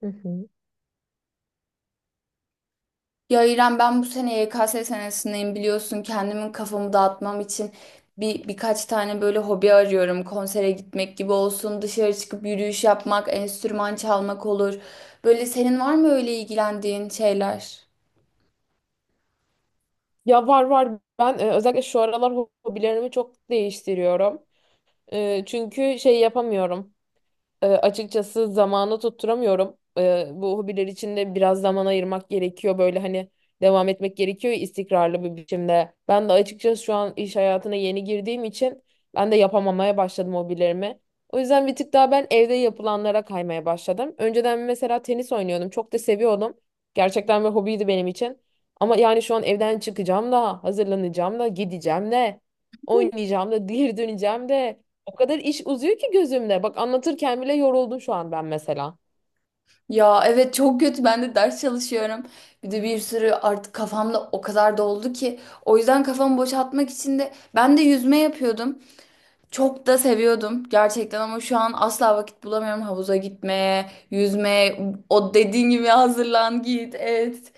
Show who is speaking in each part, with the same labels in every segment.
Speaker 1: Hı hı.
Speaker 2: Ya İrem ben bu sene YKS senesindeyim biliyorsun kendimin kafamı dağıtmam için birkaç tane böyle hobi arıyorum. Konsere gitmek gibi olsun, dışarı çıkıp yürüyüş yapmak, enstrüman çalmak olur. Böyle senin var mı öyle ilgilendiğin şeyler?
Speaker 1: Ya var var. Ben özellikle şu aralar hobilerimi çok değiştiriyorum. Çünkü şey yapamıyorum. Açıkçası zamanı tutturamıyorum. Bu hobiler için de biraz zaman ayırmak gerekiyor. Böyle hani devam etmek gerekiyor istikrarlı bir biçimde. Ben de açıkçası şu an iş hayatına yeni girdiğim için ben de yapamamaya başladım hobilerimi. O yüzden bir tık daha ben evde yapılanlara kaymaya başladım. Önceden mesela tenis oynuyordum. Çok da seviyordum. Gerçekten bir hobiydi benim için. Ama yani şu an evden çıkacağım da, hazırlanacağım da, gideceğim de, oynayacağım da, geri döneceğim de. O kadar iş uzuyor ki gözümde. Bak anlatırken bile yoruldum şu an ben mesela.
Speaker 2: Ya evet, çok kötü, ben de ders çalışıyorum. Bir de bir sürü artık kafamda o kadar doldu ki o yüzden kafamı boşaltmak için de ben de yüzme yapıyordum. Çok da seviyordum gerçekten ama şu an asla vakit bulamıyorum havuza gitmeye, yüzmeye, o dediğin gibi hazırlan git et,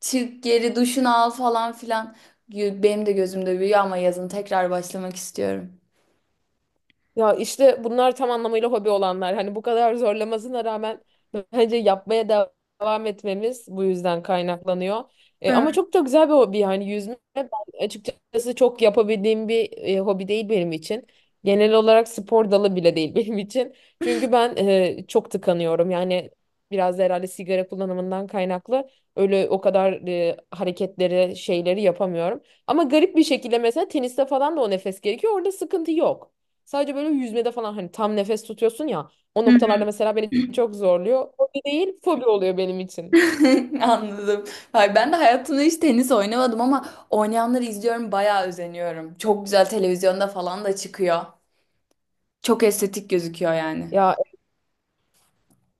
Speaker 2: çık geri duşunu al falan filan. Benim de gözümde büyüyor ama yazın tekrar başlamak istiyorum.
Speaker 1: Ya işte bunlar tam anlamıyla hobi olanlar. Hani bu kadar zorlamasına rağmen bence yapmaya devam etmemiz bu yüzden kaynaklanıyor.
Speaker 2: Evet.
Speaker 1: Ama çok da güzel bir hobi yani yüzme ben açıkçası çok yapabildiğim bir hobi değil benim için. Genel olarak spor dalı bile değil benim için. Çünkü ben çok tıkanıyorum. Yani biraz da herhalde sigara kullanımından kaynaklı öyle o kadar hareketleri şeyleri yapamıyorum. Ama garip bir şekilde mesela teniste falan da o nefes gerekiyor. Orada sıkıntı yok. Sadece böyle yüzmede falan hani tam nefes tutuyorsun ya. O noktalarda mesela beni çok zorluyor. Hobi değil, fobi oluyor benim için.
Speaker 2: Anladım. Ay, ben de hayatımda hiç tenis oynamadım ama oynayanları izliyorum, bayağı özeniyorum. Çok güzel, televizyonda falan da çıkıyor. Çok estetik gözüküyor yani.
Speaker 1: Ya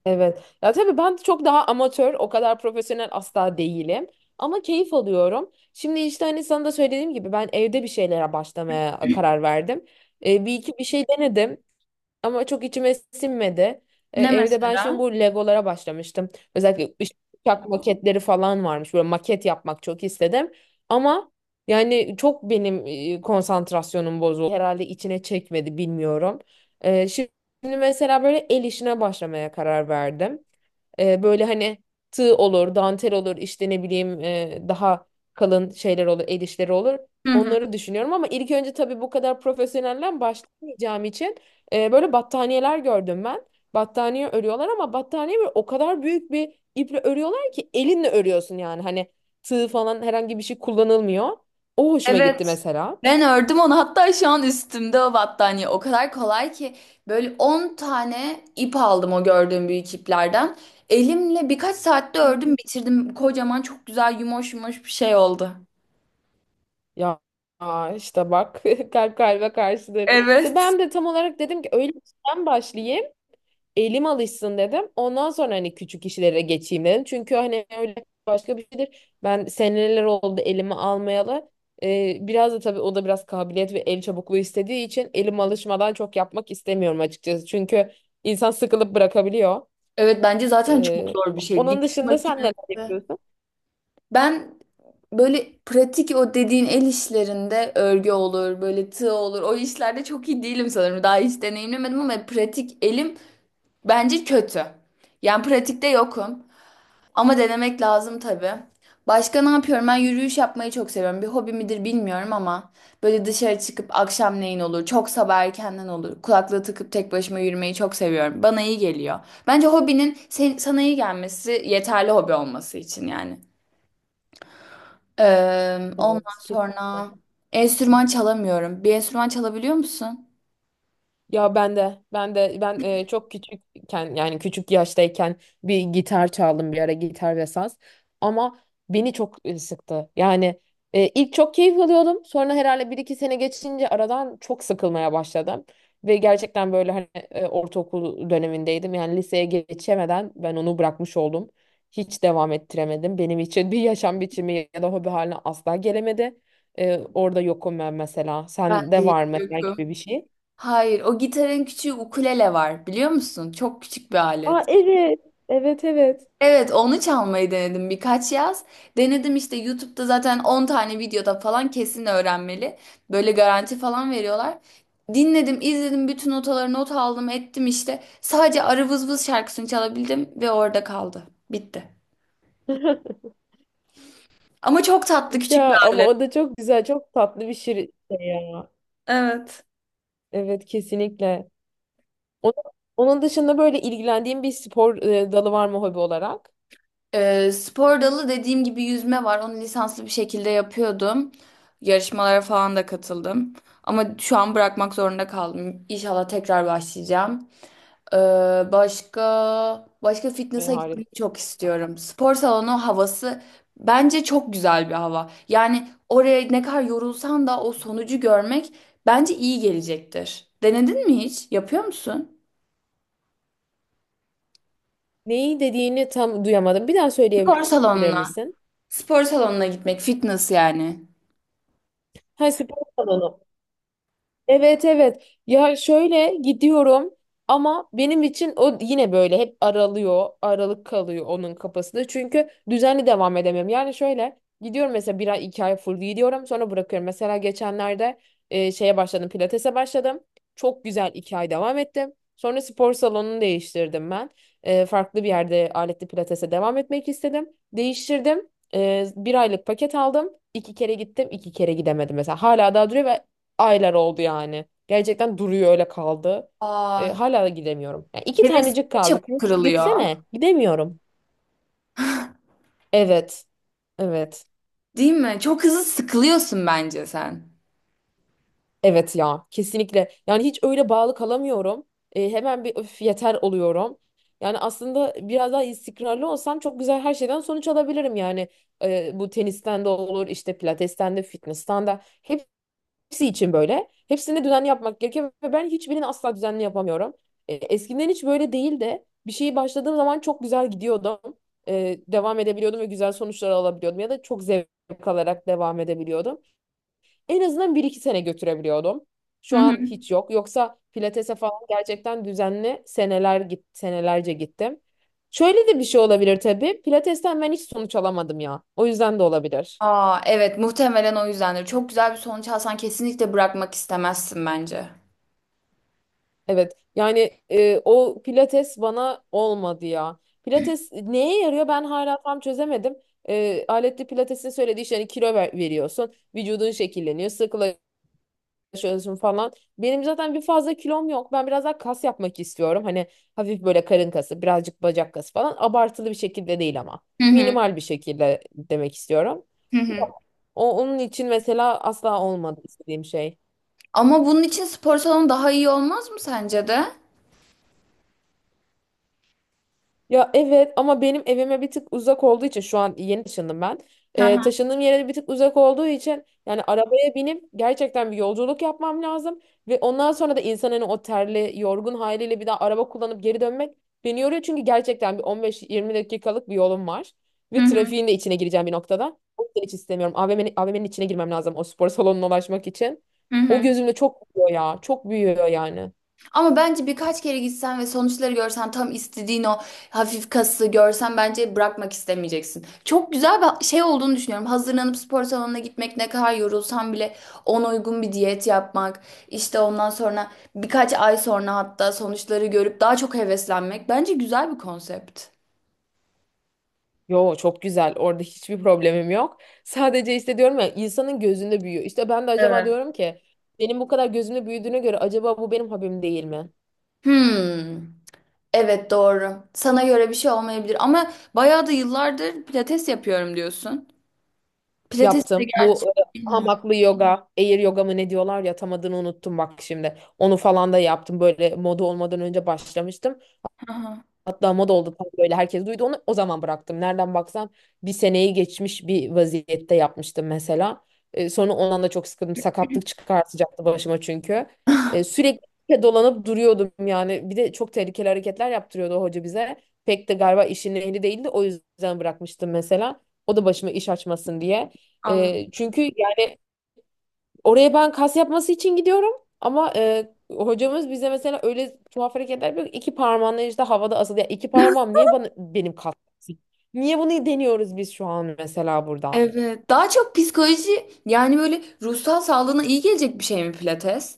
Speaker 1: evet. Ya tabii ben çok daha amatör, o kadar profesyonel asla değilim. Ama keyif alıyorum. Şimdi işte hani sana da söylediğim gibi ben evde bir şeylere başlamaya karar verdim. Bir iki bir şey denedim. Ama çok içime sinmedi.
Speaker 2: Ne
Speaker 1: Evde ben
Speaker 2: mesela?
Speaker 1: şimdi bu Legolara başlamıştım. Özellikle uçak maketleri falan varmış. Böyle maket yapmak çok istedim. Ama yani çok benim konsantrasyonum bozuldu. Herhalde içine çekmedi bilmiyorum. Şimdi mesela böyle el işine başlamaya karar verdim. Böyle hani tığ olur, dantel olur, işte ne bileyim daha kalın şeyler olur, el işleri olur.
Speaker 2: Hı hı.
Speaker 1: Onları düşünüyorum ama ilk önce tabii bu kadar profesyonelden başlamayacağım için böyle battaniyeler gördüm ben. Battaniye örüyorlar ama battaniye böyle o kadar büyük bir iple örüyorlar ki elinle örüyorsun yani. Hani tığ falan herhangi bir şey kullanılmıyor. O hoşuma gitti
Speaker 2: Evet.
Speaker 1: mesela.
Speaker 2: Ben ördüm onu. Hatta şu an üstümde o battaniye. O kadar kolay ki böyle 10 tane ip aldım o gördüğüm büyük iplerden. Elimle birkaç saatte ördüm, bitirdim. Kocaman, çok güzel, yumuş yumuş bir şey oldu.
Speaker 1: Ya aa, işte bak kalp kalbe karşıdır. İşte
Speaker 2: Evet.
Speaker 1: ben de tam olarak dedim ki öyle işten başlayayım. Elim alışsın dedim. Ondan sonra hani küçük işlere geçeyim dedim. Çünkü hani öyle başka bir şeydir. Ben seneler oldu elimi almayalı. Biraz da tabii o da biraz kabiliyet ve el çabukluğu istediği için elim alışmadan çok yapmak istemiyorum açıkçası. Çünkü insan sıkılıp bırakabiliyor.
Speaker 2: Evet, bence zaten çok
Speaker 1: Ee,
Speaker 2: zor bir şey.
Speaker 1: Onun
Speaker 2: Dikiş
Speaker 1: dışında sen neler
Speaker 2: makinesi.
Speaker 1: yapıyorsun?
Speaker 2: Ben böyle pratik, o dediğin el işlerinde örgü olur, böyle tığ olur. O işlerde çok iyi değilim sanırım. Daha hiç deneyimlemedim ama pratik elim bence kötü. Yani pratikte yokum. Ama denemek lazım tabii. Başka ne yapıyorum? Ben yürüyüş yapmayı çok seviyorum. Bir hobi midir bilmiyorum ama böyle dışarı çıkıp akşamleyin olur, çok sabah erkenden olur. Kulaklığı takıp tek başıma yürümeyi çok seviyorum. Bana iyi geliyor. Bence hobinin sana iyi gelmesi yeterli hobi olması için yani. Ondan
Speaker 1: Evet, kesinlikle.
Speaker 2: sonra enstrüman çalamıyorum. Bir enstrüman çalabiliyor musun?
Speaker 1: Ya ben de çok küçükken yani küçük yaştayken bir gitar çaldım bir ara gitar ve saz ama beni çok sıktı. Yani ilk çok keyif alıyordum sonra herhalde bir iki sene geçince aradan çok sıkılmaya başladım. Ve gerçekten böyle hani ortaokul dönemindeydim yani liseye geçemeden ben onu bırakmış oldum. Hiç devam ettiremedim. Benim için bir yaşam biçimi ya da hobi haline asla gelemedi. Orada yokum ben mesela.
Speaker 2: Ben
Speaker 1: Sende
Speaker 2: de hiç
Speaker 1: var mı
Speaker 2: yokum.
Speaker 1: herhangi bir şey?
Speaker 2: Hayır, o gitarın küçüğü ukulele var biliyor musun? Çok küçük bir
Speaker 1: Aa
Speaker 2: alet.
Speaker 1: evet. Evet evet.
Speaker 2: Evet, onu çalmayı denedim birkaç yaz. Denedim işte, YouTube'da zaten 10 tane videoda falan kesin öğrenmeli. Böyle garanti falan veriyorlar. Dinledim, izledim, bütün notaları not aldım, ettim işte. Sadece Arı Vız Vız şarkısını çalabildim ve orada kaldı. Bitti. Ama çok tatlı küçük bir
Speaker 1: Ya ama
Speaker 2: alet.
Speaker 1: o da çok güzel, çok tatlı bir şey ya.
Speaker 2: Evet.
Speaker 1: Evet kesinlikle. Onun, onun dışında böyle ilgilendiğin bir spor dalı var mı hobi olarak?
Speaker 2: Spor dalı dediğim gibi yüzme var. Onu lisanslı bir şekilde yapıyordum. Yarışmalara falan da katıldım. Ama şu an bırakmak zorunda kaldım. İnşallah tekrar başlayacağım. Ee, başka başka
Speaker 1: Ay,
Speaker 2: fitness'a
Speaker 1: harika.
Speaker 2: gitmeyi çok istiyorum. Spor salonu havası bence çok güzel bir hava. Yani oraya ne kadar yorulsan da o sonucu görmek bence iyi gelecektir. Denedin mi hiç? Yapıyor musun?
Speaker 1: Neyi dediğini tam duyamadım. Bir daha
Speaker 2: Spor
Speaker 1: söyleyebilir
Speaker 2: salonuna.
Speaker 1: misin?
Speaker 2: Spor salonuna gitmek, fitness yani.
Speaker 1: Ha spor salonu. Evet evet. Ya şöyle gidiyorum ama benim için o yine böyle hep aralıyor, aralık kalıyor onun kafasında. Çünkü düzenli devam edemiyorum. Yani şöyle gidiyorum mesela bir ay iki ay full gidiyorum sonra bırakıyorum. Mesela geçenlerde e, şeye başladım pilatese başladım. Çok güzel iki ay devam ettim. Sonra spor salonunu değiştirdim ben. Farklı bir yerde aletli pilatese devam etmek istedim. Değiştirdim. Bir aylık paket aldım. İki kere gittim, iki kere gidemedim mesela. Hala daha duruyor ve aylar oldu yani. Gerçekten duruyor öyle kaldı.
Speaker 2: Aa,
Speaker 1: Hala da gidemiyorum. Yani iki
Speaker 2: heves
Speaker 1: tanecik kaldı.
Speaker 2: çabuk
Speaker 1: Kanka
Speaker 2: kırılıyor.
Speaker 1: gitsene. Gidemiyorum. Evet. Evet.
Speaker 2: Değil mi? Çok hızlı sıkılıyorsun bence sen.
Speaker 1: Evet ya. Kesinlikle. Yani hiç öyle bağlı kalamıyorum. Hemen bir öf yeter oluyorum. Yani aslında biraz daha istikrarlı olsam çok güzel her şeyden sonuç alabilirim yani. Bu tenisten de olur, işte pilatesten de, fitness'tan da. Hepsi için böyle. Hepsini düzenli yapmak gerekiyor ve ben hiçbirini asla düzenli yapamıyorum. Eskiden hiç böyle değil de bir şeyi başladığım zaman çok güzel gidiyordum. Devam edebiliyordum ve güzel sonuçlar alabiliyordum ya da çok zevk alarak devam edebiliyordum. En azından bir iki sene götürebiliyordum.
Speaker 2: Hı
Speaker 1: Şu an
Speaker 2: hı.
Speaker 1: hiç yok. Yoksa pilatese falan gerçekten düzenli seneler git senelerce gittim. Şöyle de bir şey olabilir tabii. Pilatesten ben hiç sonuç alamadım ya. O yüzden de olabilir.
Speaker 2: Aa, evet, muhtemelen o yüzdendir. Çok güzel bir sonuç alsan kesinlikle bırakmak istemezsin bence.
Speaker 1: Evet yani o pilates bana olmadı ya. Pilates neye yarıyor ben hala tam çözemedim. Aletli pilatesin söylediği işte hani kilo veriyorsun. Vücudun şekilleniyor, sıkılaşıyorsun falan. Benim zaten bir fazla kilom yok. Ben biraz daha kas yapmak istiyorum. Hani hafif böyle karın kası, birazcık bacak kası falan. Abartılı bir şekilde değil ama.
Speaker 2: Hı hı.
Speaker 1: Minimal bir şekilde demek istiyorum.
Speaker 2: Hı hı.
Speaker 1: Yok, onun için mesela asla olmadı istediğim şey.
Speaker 2: Ama bunun için spor salonu daha iyi olmaz mı sence de?
Speaker 1: Ya evet ama benim evime bir tık uzak olduğu için şu an yeni taşındım ben.
Speaker 2: Hı hı.
Speaker 1: Taşındığım yere bir tık uzak olduğu için yani arabaya binip gerçekten bir yolculuk yapmam lazım. Ve ondan sonra da insanın o terli, yorgun haliyle bir daha araba kullanıp geri dönmek beni yoruyor. Çünkü gerçekten bir 15-20 dakikalık bir yolum var.
Speaker 2: Hı
Speaker 1: Ve
Speaker 2: hı.
Speaker 1: trafiğin de içine gireceğim bir noktada. O yüzden hiç istemiyorum. AVM'nin içine girmem lazım o spor salonuna ulaşmak için.
Speaker 2: Hı
Speaker 1: O
Speaker 2: hı.
Speaker 1: gözümde çok büyüyor ya. Çok büyüyor yani.
Speaker 2: Ama bence birkaç kere gitsen ve sonuçları görsen, tam istediğin o hafif kası görsen, bence bırakmak istemeyeceksin. Çok güzel bir şey olduğunu düşünüyorum. Hazırlanıp spor salonuna gitmek, ne kadar yorulsan bile ona uygun bir diyet yapmak, işte ondan sonra birkaç ay sonra hatta sonuçları görüp daha çok heveslenmek. Bence güzel bir konsept.
Speaker 1: Yo çok güzel. Orada hiçbir problemim yok. Sadece işte diyorum ya insanın gözünde büyüyor. İşte ben de acaba
Speaker 2: Evet.
Speaker 1: diyorum ki benim bu kadar gözümde büyüdüğüne göre acaba bu benim hobim değil mi?
Speaker 2: Hmm. Evet, doğru. Sana göre bir şey olmayabilir ama bayağı da yıllardır pilates yapıyorum diyorsun. Pilates de
Speaker 1: Yaptım.
Speaker 2: gerçi
Speaker 1: Bu
Speaker 2: bilmiyorum.
Speaker 1: hamaklı yoga, air yoga mı ne diyorlar ya tam adını unuttum bak şimdi. Onu falan da yaptım. Böyle moda olmadan önce başlamıştım.
Speaker 2: Aha.
Speaker 1: Hatta moda oldu tam böyle herkes duydu onu. O zaman bıraktım. Nereden baksan bir seneyi geçmiş bir vaziyette yapmıştım mesela. Sonra ondan da çok sıkıldım. Sakatlık çıkartacaktı başıma çünkü. Sürekli dolanıp duruyordum yani. Bir de çok tehlikeli hareketler yaptırıyordu o hoca bize. Pek de galiba işin ehli değildi. O yüzden bırakmıştım mesela. O da başıma iş açmasın diye.
Speaker 2: Anladım.
Speaker 1: Çünkü yani oraya ben kas yapması için gidiyorum ama hocamız bize mesela öyle tuhaf hareketler yapıyor ki İki parmağınla işte havada asılı. Ya iki parmağım niye bana benim kas yapsın? Niye bunu deniyoruz biz şu an mesela burada?
Speaker 2: Evet. Daha çok psikoloji, yani böyle ruhsal sağlığına iyi gelecek bir şey mi pilates?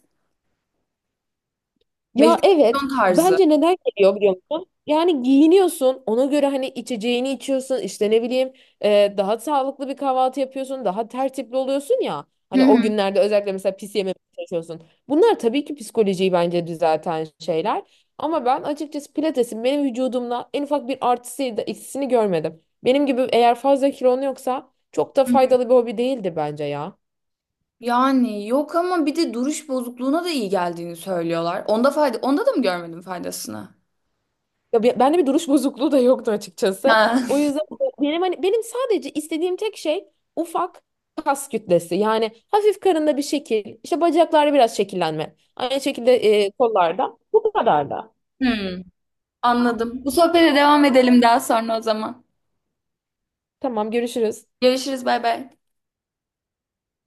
Speaker 1: Ya
Speaker 2: Meditasyon
Speaker 1: evet.
Speaker 2: tarzı.
Speaker 1: Bence neden geliyor biliyor musun? Yani giyiniyorsun. Ona göre hani içeceğini içiyorsun, işte ne bileyim daha sağlıklı bir kahvaltı yapıyorsun. Daha tertipli oluyorsun ya.
Speaker 2: Hı
Speaker 1: Hani o
Speaker 2: hı.
Speaker 1: günlerde özellikle mesela pis yememeye çalışıyorsun. Bunlar tabii ki psikolojiyi bence düzelten şeyler. Ama ben açıkçası pilatesin benim vücudumla en ufak bir artısı ya da eksisini görmedim. Benim gibi eğer fazla kilon yoksa çok da
Speaker 2: Hı hı.
Speaker 1: faydalı bir hobi değildi bence ya.
Speaker 2: Yani yok ama bir de duruş bozukluğuna da iyi geldiğini söylüyorlar. Onda fayda, onda da mı görmedim faydasını?
Speaker 1: Ya bende bir duruş bozukluğu da yoktu açıkçası.
Speaker 2: Ha.
Speaker 1: O yüzden benim hani benim sadece istediğim tek şey ufak kas kütlesi. Yani hafif karında bir şekil, işte bacaklarda biraz şekillenme. Aynı şekilde kollarda. Bu kadar da.
Speaker 2: Hmm, anladım. Bu sohbete devam edelim daha sonra o zaman.
Speaker 1: Tamam, görüşürüz.
Speaker 2: Görüşürüz, bay bay.